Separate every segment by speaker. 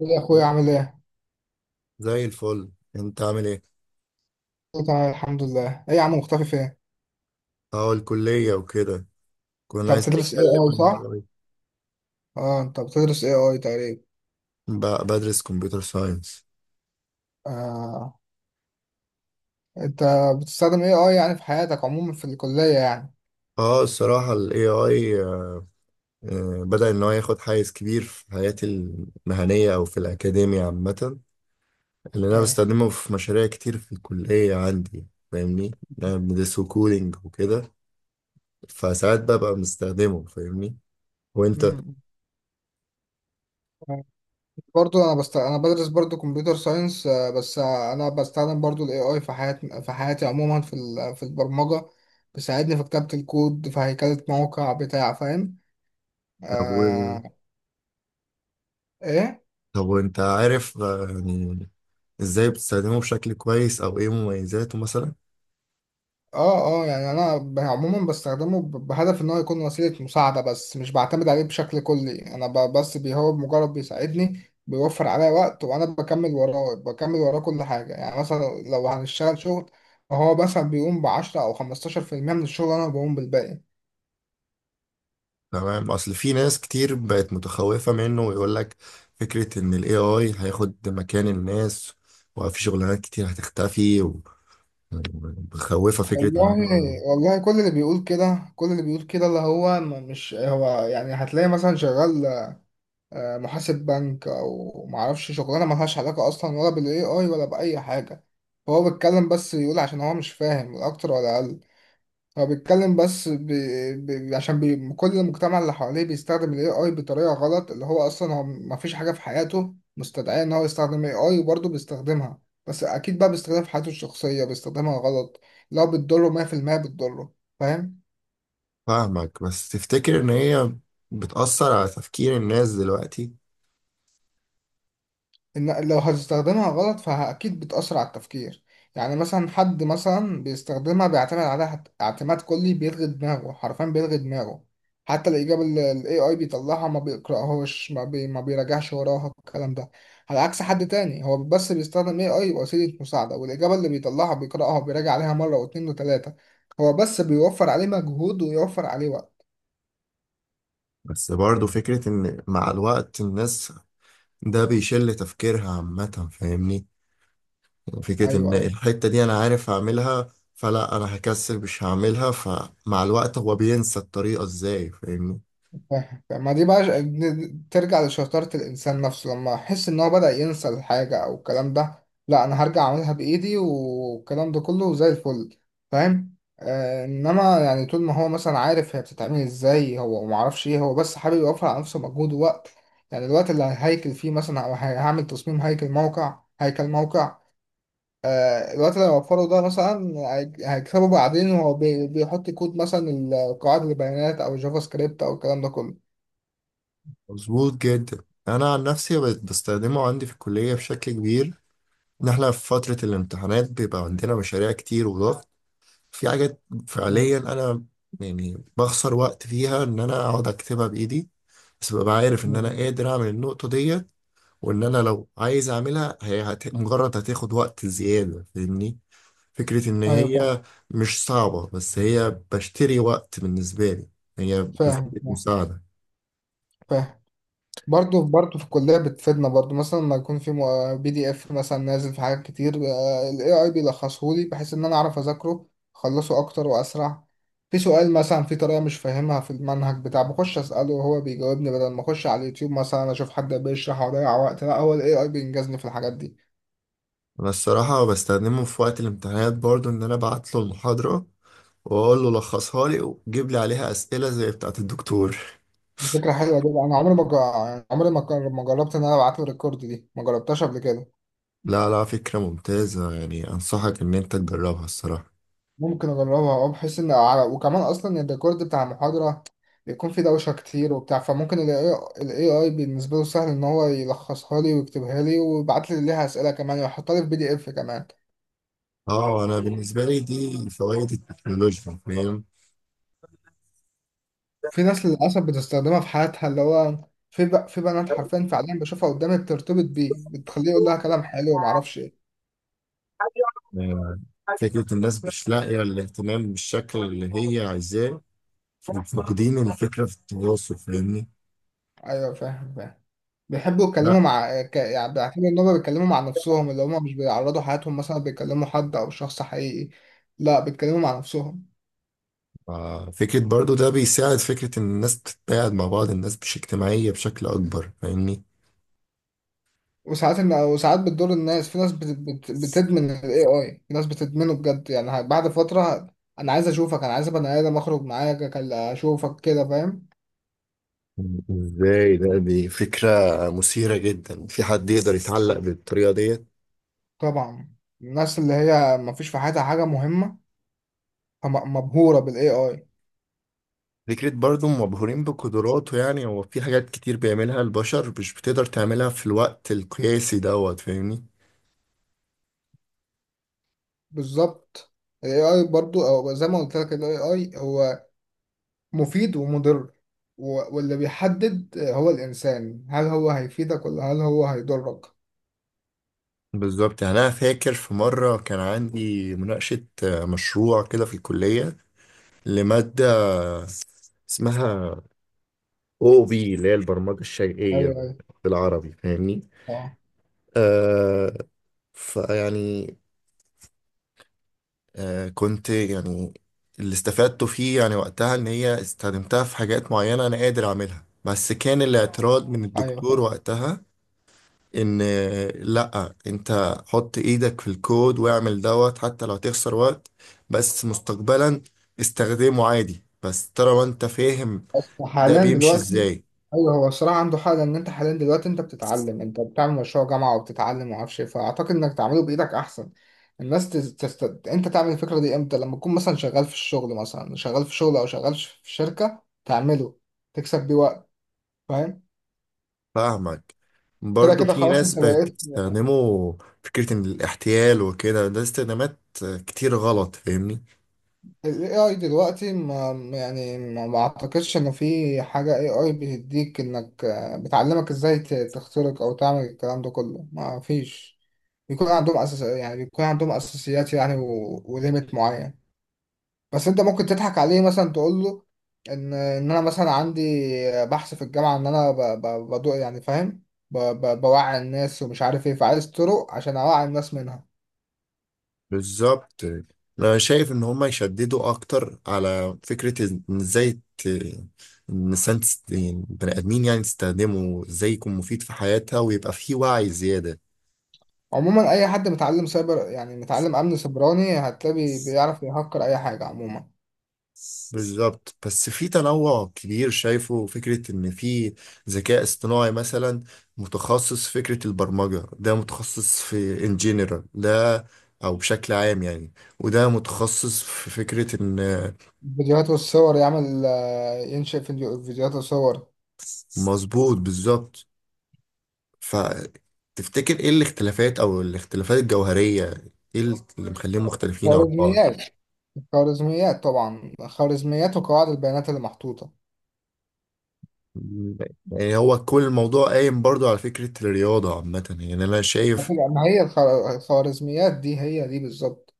Speaker 1: ايه يا
Speaker 2: إيه
Speaker 1: اخويا عامل
Speaker 2: الأخبار؟
Speaker 1: ايه؟
Speaker 2: زي الفل انت عامل ايه.
Speaker 1: أنا تمام الحمد لله، ايه يا عم مختفي فين؟
Speaker 2: اه الكلية وكده. كنا
Speaker 1: انت
Speaker 2: عايزين
Speaker 1: بتدرس اي
Speaker 2: نتكلم
Speaker 1: اي
Speaker 2: عن
Speaker 1: صح؟
Speaker 2: الاي اي.
Speaker 1: اه، انت بتدرس اي اي تقريبا.
Speaker 2: بدرس كمبيوتر ساينس.
Speaker 1: آه. انت بتستخدم اي اي يعني في حياتك عموما في الكلية يعني.
Speaker 2: اه الصراحة الاي اي بدأ ان هو ياخد حيز كبير في حياتي المهنية او في الاكاديمية عامة، اللي انا
Speaker 1: ايوه.
Speaker 2: بستخدمه في مشاريع كتير في الكلية عندي، فاهمني؟ انا بندرسه كودينج وكده، فساعات ببقى مستخدمه، فاهمني؟ وانت؟
Speaker 1: مم. برضو انا بدرس برضو كمبيوتر ساينس بس، انا بستخدم برضو الاي اي في حياتي عموما في البرمجة. بيساعدني في كتابة الكود، في هيكلة موقع بتاع، فاهم؟
Speaker 2: طب
Speaker 1: آه. ايه؟
Speaker 2: طب وانت عارف يعني ازاي بتستخدمه بشكل كويس او ايه مميزاته مثلا؟
Speaker 1: اه اه، يعني انا عموما بستخدمه بهدف ان هو يكون وسيلة مساعدة، بس مش بعتمد عليه بشكل كلي. انا بس هو مجرد بيساعدني، بيوفر عليا وقت، وانا بكمل وراه بكمل وراه كل حاجة. يعني مثلا لو هنشتغل شغل، فهو مثلا بيقوم ب10 او 15% من الشغل، انا بقوم بالباقي.
Speaker 2: تمام، اصل في ناس كتير بقت متخوفة منه ويقول لك فكرة ان الاي اي هياخد مكان الناس وفي شغلانات كتير هتختفي ومخوفة فكرة ان
Speaker 1: والله،
Speaker 2: هم.
Speaker 1: والله كل اللي بيقول كده، كل اللي بيقول كده، اللي هو مش هو، يعني هتلاقي مثلا شغال محاسب بنك او معرفش، شغلانه ملهاش علاقه اصلا ولا بالاي اي ولا باي حاجه. فهو بيتكلم بس، يقول عشان هو مش فاهم، لا اكتر ولا اقل. هو بيتكلم بس عشان كل المجتمع اللي حواليه بيستخدم الاي اي بطريقه غلط، اللي هو اصلا هو مفيش حاجه في حياته مستدعيه ان هو يستخدم اي اي، وبرضه بيستخدمها. بس اكيد بقى بيستخدمها في حياته الشخصيه، بيستخدمها غلط، لو بتضره 100%، بتضره. فاهم.
Speaker 2: فاهمك، بس تفتكر ان هي بتأثر على تفكير الناس دلوقتي؟
Speaker 1: إن لو هتستخدمها غلط فأكيد بتأثر على التفكير. يعني مثلا حد مثلا بيستخدمها، بيعتمد عليها اعتماد كلي، بيلغي دماغه حرفيا، بيلغي دماغه. حتى الإجابة اللي ال AI بيطلعها ما بيقرأهاش، ما بيراجعش وراها الكلام ده. على عكس حد تاني هو بس بيستخدم AI وسيلة مساعدة، والإجابة اللي بيطلعها بيقرأها وبيراجع عليها مرة واتنين وتلاتة. هو بس بيوفر عليه مجهود ويوفر عليه وقت.
Speaker 2: بس برضه فكرة ان مع الوقت الناس ده بيشل تفكيرها عامة، فاهمني؟ فكرة إن
Speaker 1: أيوه أيوه
Speaker 2: الحتة دي أنا عارف هعملها، فلا أنا هكسل مش هعملها، فمع الوقت هو بينسى الطريقة إزاي، فاهمني؟
Speaker 1: فاهم. ما دي بقى ترجع لشطارة الإنسان نفسه، لما أحس إن هو بدأ ينسى الحاجة أو الكلام ده، لا أنا هرجع أعملها بإيدي والكلام ده كله زي الفل. فاهم. آه، إنما يعني طول ما هو مثلا عارف هي بتتعمل إزاي، هو معرفش إيه، هو بس حابب يوفر على نفسه مجهود ووقت. يعني الوقت اللي هيكل فيه مثلا، أو هعمل تصميم هيكل موقع، هيكل موقع. آه، الوقت اللي هيوفره ده مثلا هيكسبه بعدين، وهو بيحط كود مثلا، القواعد البيانات أو الجافا سكريبت أو الكلام ده كله.
Speaker 2: مظبوط جدا. أنا عن نفسي بقيت بستخدمه عندي في الكلية بشكل كبير. إن إحنا في فترة الامتحانات بيبقى عندنا مشاريع كتير وضغط في حاجات. فعليا أنا يعني بخسر وقت فيها إن أنا أقعد أكتبها بإيدي، بس ببقى عارف إن أنا
Speaker 1: مم.
Speaker 2: قادر أعمل النقطة ديت، وإن أنا لو عايز أعملها هي مجرد هتاخد وقت زيادة، فاهمني؟ فكرة إن
Speaker 1: ايوه فاهم
Speaker 2: هي مش صعبة، بس هي بشتري وقت بالنسبة لي، هي
Speaker 1: فاهم.
Speaker 2: وسيلة مساعدة.
Speaker 1: فاهم برضه في الكليه، بتفيدنا برضه مثلا لما يكون في بي دي اف مثلا نازل في حاجات كتير، الاي اي بيلخصه لي بحيث ان انا اعرف اذاكره، اخلصه اكتر واسرع. في سؤال مثلا، في طريقه مش فاهمها في المنهج بتاع، بخش اساله وهو بيجاوبني، بدل ما اخش على اليوتيوب مثلا اشوف حد بيشرح واضيع وقت، لا، هو الاي اي بينجزني في الحاجات دي.
Speaker 2: أنا الصراحة بستخدمه في وقت الامتحانات برضو، إن أنا أبعت له المحاضرة وأقول له لخصها لي وجيب لي عليها أسئلة زي بتاعة الدكتور.
Speaker 1: دي فكره حلوه جدا. انا عمري ما جا- عمري ما جر- ما جربت ان انا ابعت له الريكورد، دي ما جربتهاش قبل كده.
Speaker 2: لا، فكرة ممتازة يعني، أنصحك إن أنت تجربها الصراحة.
Speaker 1: ممكن اجربها، اه، بحيث ان على، وكمان اصلا الريكورد بتاع المحاضره بيكون فيه دوشه كتير وبتاع، فممكن ال AI بالنسبه له سهل ان هو يلخصها لي ويكتبها لي ويبعت لي ليها اسئله كمان، ويحطها لي في بي دي اف كمان.
Speaker 2: اه انا بالنسبه لي دي فوائد التكنولوجيا، فاهم؟
Speaker 1: في ناس للاسف بتستخدمها في حياتها، اللي هو في في بنات حرفيا، فعليا بشوفها قدامي، بترتبط بيه، بتخليه يقول لها كلام حلو وما اعرفش ايه.
Speaker 2: آه، فكره الناس مش لاقيه الاهتمام بالشكل اللي هي عايزاه، فاقدين الفكرة في التواصل، فاهمني؟
Speaker 1: ايوه فاهم فاهم. بيحبوا
Speaker 2: لا.
Speaker 1: يتكلموا مع يعني بيعتبروا ان هم بيتكلموا مع نفسهم، اللي هم مش بيعرضوا حياتهم مثلا، بيكلموا حد او شخص حقيقي. لا، بيتكلموا مع نفسهم.
Speaker 2: فكرة برضو ده بيساعد فكرة إن الناس تتقاعد مع بعض، الناس مش اجتماعية بشكل أكبر، فاهمني؟
Speaker 1: وساعات بتضر الناس، في ناس بتدمن ال AI، في ناس بتدمنه بجد يعني، بعد فترة، أنا عايز أشوفك، أنا عايز أبقى آدم أخرج معاك أشوفك كده، فاهم.
Speaker 2: ازاي؟ ده دي فكرة مثيرة جدا، في حد يقدر يتعلق بالطريقة ديت؟
Speaker 1: طبعا. الناس اللي هي مفيش في حياتها حاجة مهمة مبهورة بال AI.
Speaker 2: فكرة برضو مبهورين بقدراته، يعني هو في حاجات كتير بيعملها البشر مش بتقدر تعملها في الوقت القياسي دوت، فاهمني؟
Speaker 1: بالظبط. ال AI برضو، أو زي ما قلت لك، ال AI هو مفيد ومضر، واللي بيحدد هو الإنسان، هل هو هيفيدك ولا هل هو هيضرك.
Speaker 2: بالظبط. يعني أنا فاكر في مرة كان عندي مناقشة مشروع كده في الكلية لمادة اسمها او بي، اللي هي البرمجه
Speaker 1: أيوه
Speaker 2: الشيئيه
Speaker 1: أيوه.
Speaker 2: بالعربي، فاهمني؟
Speaker 1: أه
Speaker 2: آه، فيعني، آه كنت يعني، اللي استفدته فيه يعني وقتها ان هي استخدمتها في حاجات معينه انا قادر اعملها، بس كان الاعتراض من
Speaker 1: أيوه.
Speaker 2: الدكتور وقتها ان لا انت حط ايدك في الكود واعمل دوت حتى لو تخسر وقت، بس مستقبلا استخدمه عادي، بس ترى وانت فاهم
Speaker 1: بس
Speaker 2: ده
Speaker 1: حاليا
Speaker 2: بيمشي
Speaker 1: دلوقتي.
Speaker 2: ازاي.
Speaker 1: ايوه، هو الصراحه عنده حق، لان انت حاليا دلوقتي انت بتتعلم، انت بتعمل مشروع جامعه وبتتعلم وما اعرفش ايه، فاعتقد انك تعمله بايدك احسن. الناس انت تعمل الفكره دي امتى؟ لما تكون مثلا شغال في الشغل، مثلا شغال في شغل او شغال في شركه، تعمله تكسب بيه وقت. فاهم.
Speaker 2: فاهمك.
Speaker 1: كده
Speaker 2: برضه
Speaker 1: كده
Speaker 2: في
Speaker 1: خلاص
Speaker 2: ناس
Speaker 1: انت
Speaker 2: بقت
Speaker 1: بقيت.
Speaker 2: بتستخدمه فكرة إن الاحتيال وكده، ده استخدامات كتير غلط، فاهمني؟
Speaker 1: ال AI دلوقتي، ما يعني ما اعتقدش انه في حاجة AI بتديك انك، بتعلمك ازاي تخترق او تعمل الكلام ده كله. ما فيش. بيكون عندهم اساس، يعني بيكون عندهم اساسيات يعني، وليميت معين. بس انت ممكن تضحك عليه، مثلا تقول له ان انا مثلا عندي، بحث في الجامعة، ان انا بدو يعني، فاهم، بوعي الناس ومش عارف ايه، فعايز طرق عشان اوعي الناس منها.
Speaker 2: بالظبط. أنا شايف إن هما يشددوا أكتر على فكرة إن إزاي إن الإنسان يعني بني آدمين يعني تستخدمه إزاي يكون مفيد في حياتها ويبقى فيه وعي زيادة.
Speaker 1: عموما اي حد متعلم سايبر، يعني متعلم امن سيبراني، هتلاقي بيعرف يهكر اي حاجه عموما.
Speaker 2: بالظبط، بس في تنوع كبير شايفه، فكرة إن في ذكاء اصطناعي مثلا متخصص في فكرة البرمجة، ده متخصص في in general، ده أو بشكل عام يعني، وده متخصص في فكرة إن.
Speaker 1: الفيديوهات والصور يعمل، ينشئ فيديوهات وصور.
Speaker 2: مظبوط بالظبط. فتفتكر إيه الاختلافات أو الاختلافات الجوهرية؟ إيه اللي مخليهم مختلفين عن بعض؟
Speaker 1: خوارزميات. خوارزميات طبعا، خوارزميات وقواعد البيانات اللي محطوطه.
Speaker 2: يعني هو كل الموضوع قايم برضو على فكرة الرياضة عامة، يعني أنا شايف.
Speaker 1: لكن ما هي الخوارزميات دي هي دي بالظبط.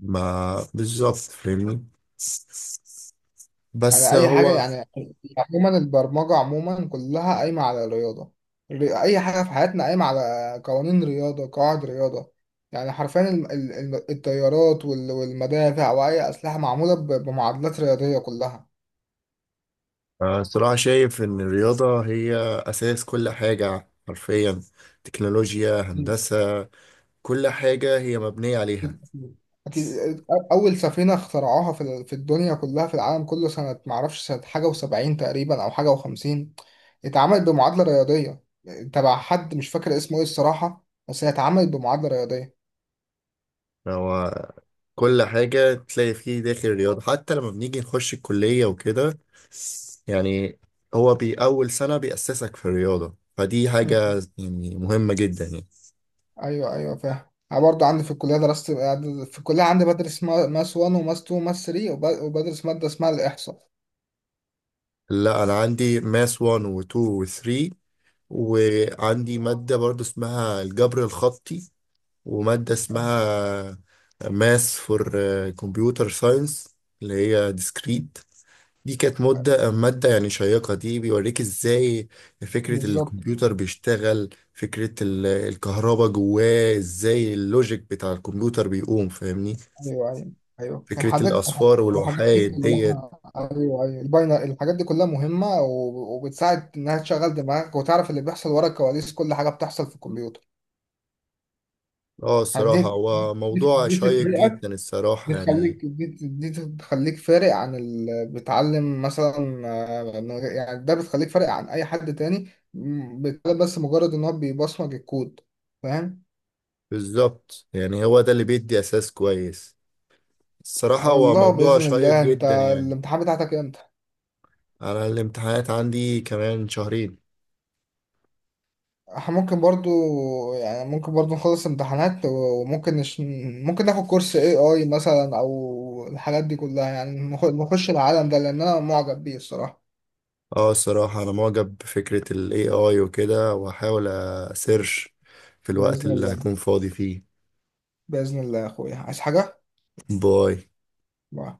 Speaker 2: ما بالظبط، فاهمني؟
Speaker 1: يعني
Speaker 2: بس
Speaker 1: اي حاجه
Speaker 2: هو
Speaker 1: يعني. عموما البرمجه عموما كلها قايمه على الرياضه. اي حاجه في حياتنا قايمه على قوانين رياضه، قواعد رياضه، يعني حرفيا الطيارات والمدافع واي اسلحه معموله بمعادلات رياضيه كلها.
Speaker 2: صراحة شايف إن الرياضة هي أساس كل حاجة حرفيا، تكنولوجيا، هندسة، كل حاجة هي مبنية عليها.
Speaker 1: أكيد أكيد. اكيد، اول سفينه اخترعوها في الدنيا كلها، في العالم كله، سنه معرفش، سنه حاجه و70 تقريبا او حاجه و50، اتعملت بمعادله رياضيه، تبع حد مش فاكر اسمه ايه الصراحه، بس هي اتعملت بمعادله رياضيه.
Speaker 2: هو كل حاجة تلاقي فيه داخل الرياضة، حتى لما بنيجي نخش الكلية وكده، يعني هو بي أول سنة بيأسسك في الرياضة، فدي حاجة يعني مهمة جدا يعني.
Speaker 1: ايوه ايوه فاهم. انا برضه عندي في الكليه درست، في الكليه عندي بدرس ماس 1 وماس 2 وماس 3 وبدرس ماده اسمها الاحصاء.
Speaker 2: لا أنا عندي ماس 1 و 2 و 3، وعندي مادة برضو اسمها الجبر الخطي، ومادة اسمها ماس فور كمبيوتر ساينس، اللي هي ديسكريت. دي كانت مدة مادة يعني شيقة، دي بيوريك ازاي فكرة
Speaker 1: بالظبط
Speaker 2: الكمبيوتر
Speaker 1: بالظبط.
Speaker 2: بيشتغل، فكرة الكهرباء جواه ازاي، اللوجيك بتاع الكمبيوتر بيقوم، فاهمني؟
Speaker 1: ايوه ايوه. ايوه كان
Speaker 2: فكرة
Speaker 1: حضرتك،
Speaker 2: الأصفار
Speaker 1: الحاجات دي
Speaker 2: والوحايد ديت.
Speaker 1: كلها. ايوه ايوه الباينر، الحاجات دي كلها مهمه، وبتساعد انها تشغل دماغك وتعرف اللي بيحصل ورا الكواليس، كل حاجه بتحصل في الكمبيوتر.
Speaker 2: اه الصراحة
Speaker 1: دي
Speaker 2: هو
Speaker 1: دي,
Speaker 2: موضوع
Speaker 1: دي
Speaker 2: شيق
Speaker 1: تفرقك،
Speaker 2: جدا
Speaker 1: دي
Speaker 2: الصراحة يعني.
Speaker 1: تخليك، دي تخليك فارق عن اللي بيتعلم مثلا، يعني ده بتخليك فارق عن اي حد تاني، بيتعلم بس مجرد ان هو بيبصمج الكود. فاهم.
Speaker 2: بالظبط، يعني هو ده اللي بيدي أساس كويس. الصراحة
Speaker 1: على
Speaker 2: هو
Speaker 1: الله،
Speaker 2: موضوع
Speaker 1: باذن
Speaker 2: شيق
Speaker 1: الله. انت
Speaker 2: جدا يعني.
Speaker 1: الامتحان بتاعتك امتى؟
Speaker 2: أنا الامتحانات عندي كمان شهرين.
Speaker 1: احنا ممكن برضو، يعني ممكن برضو نخلص امتحانات، ممكن ناخد كورس اي اي مثلا، او الحاجات دي كلها، يعني نخش العالم ده، لان انا معجب بيه الصراحة.
Speaker 2: اه الصراحة أنا معجب بفكرة ال AI وكده، وهحاول أسيرش في الوقت
Speaker 1: باذن
Speaker 2: اللي
Speaker 1: الله.
Speaker 2: هكون فاضي فيه.
Speaker 1: باذن الله يا اخويا، عايز حاجة؟
Speaker 2: باي.
Speaker 1: باي.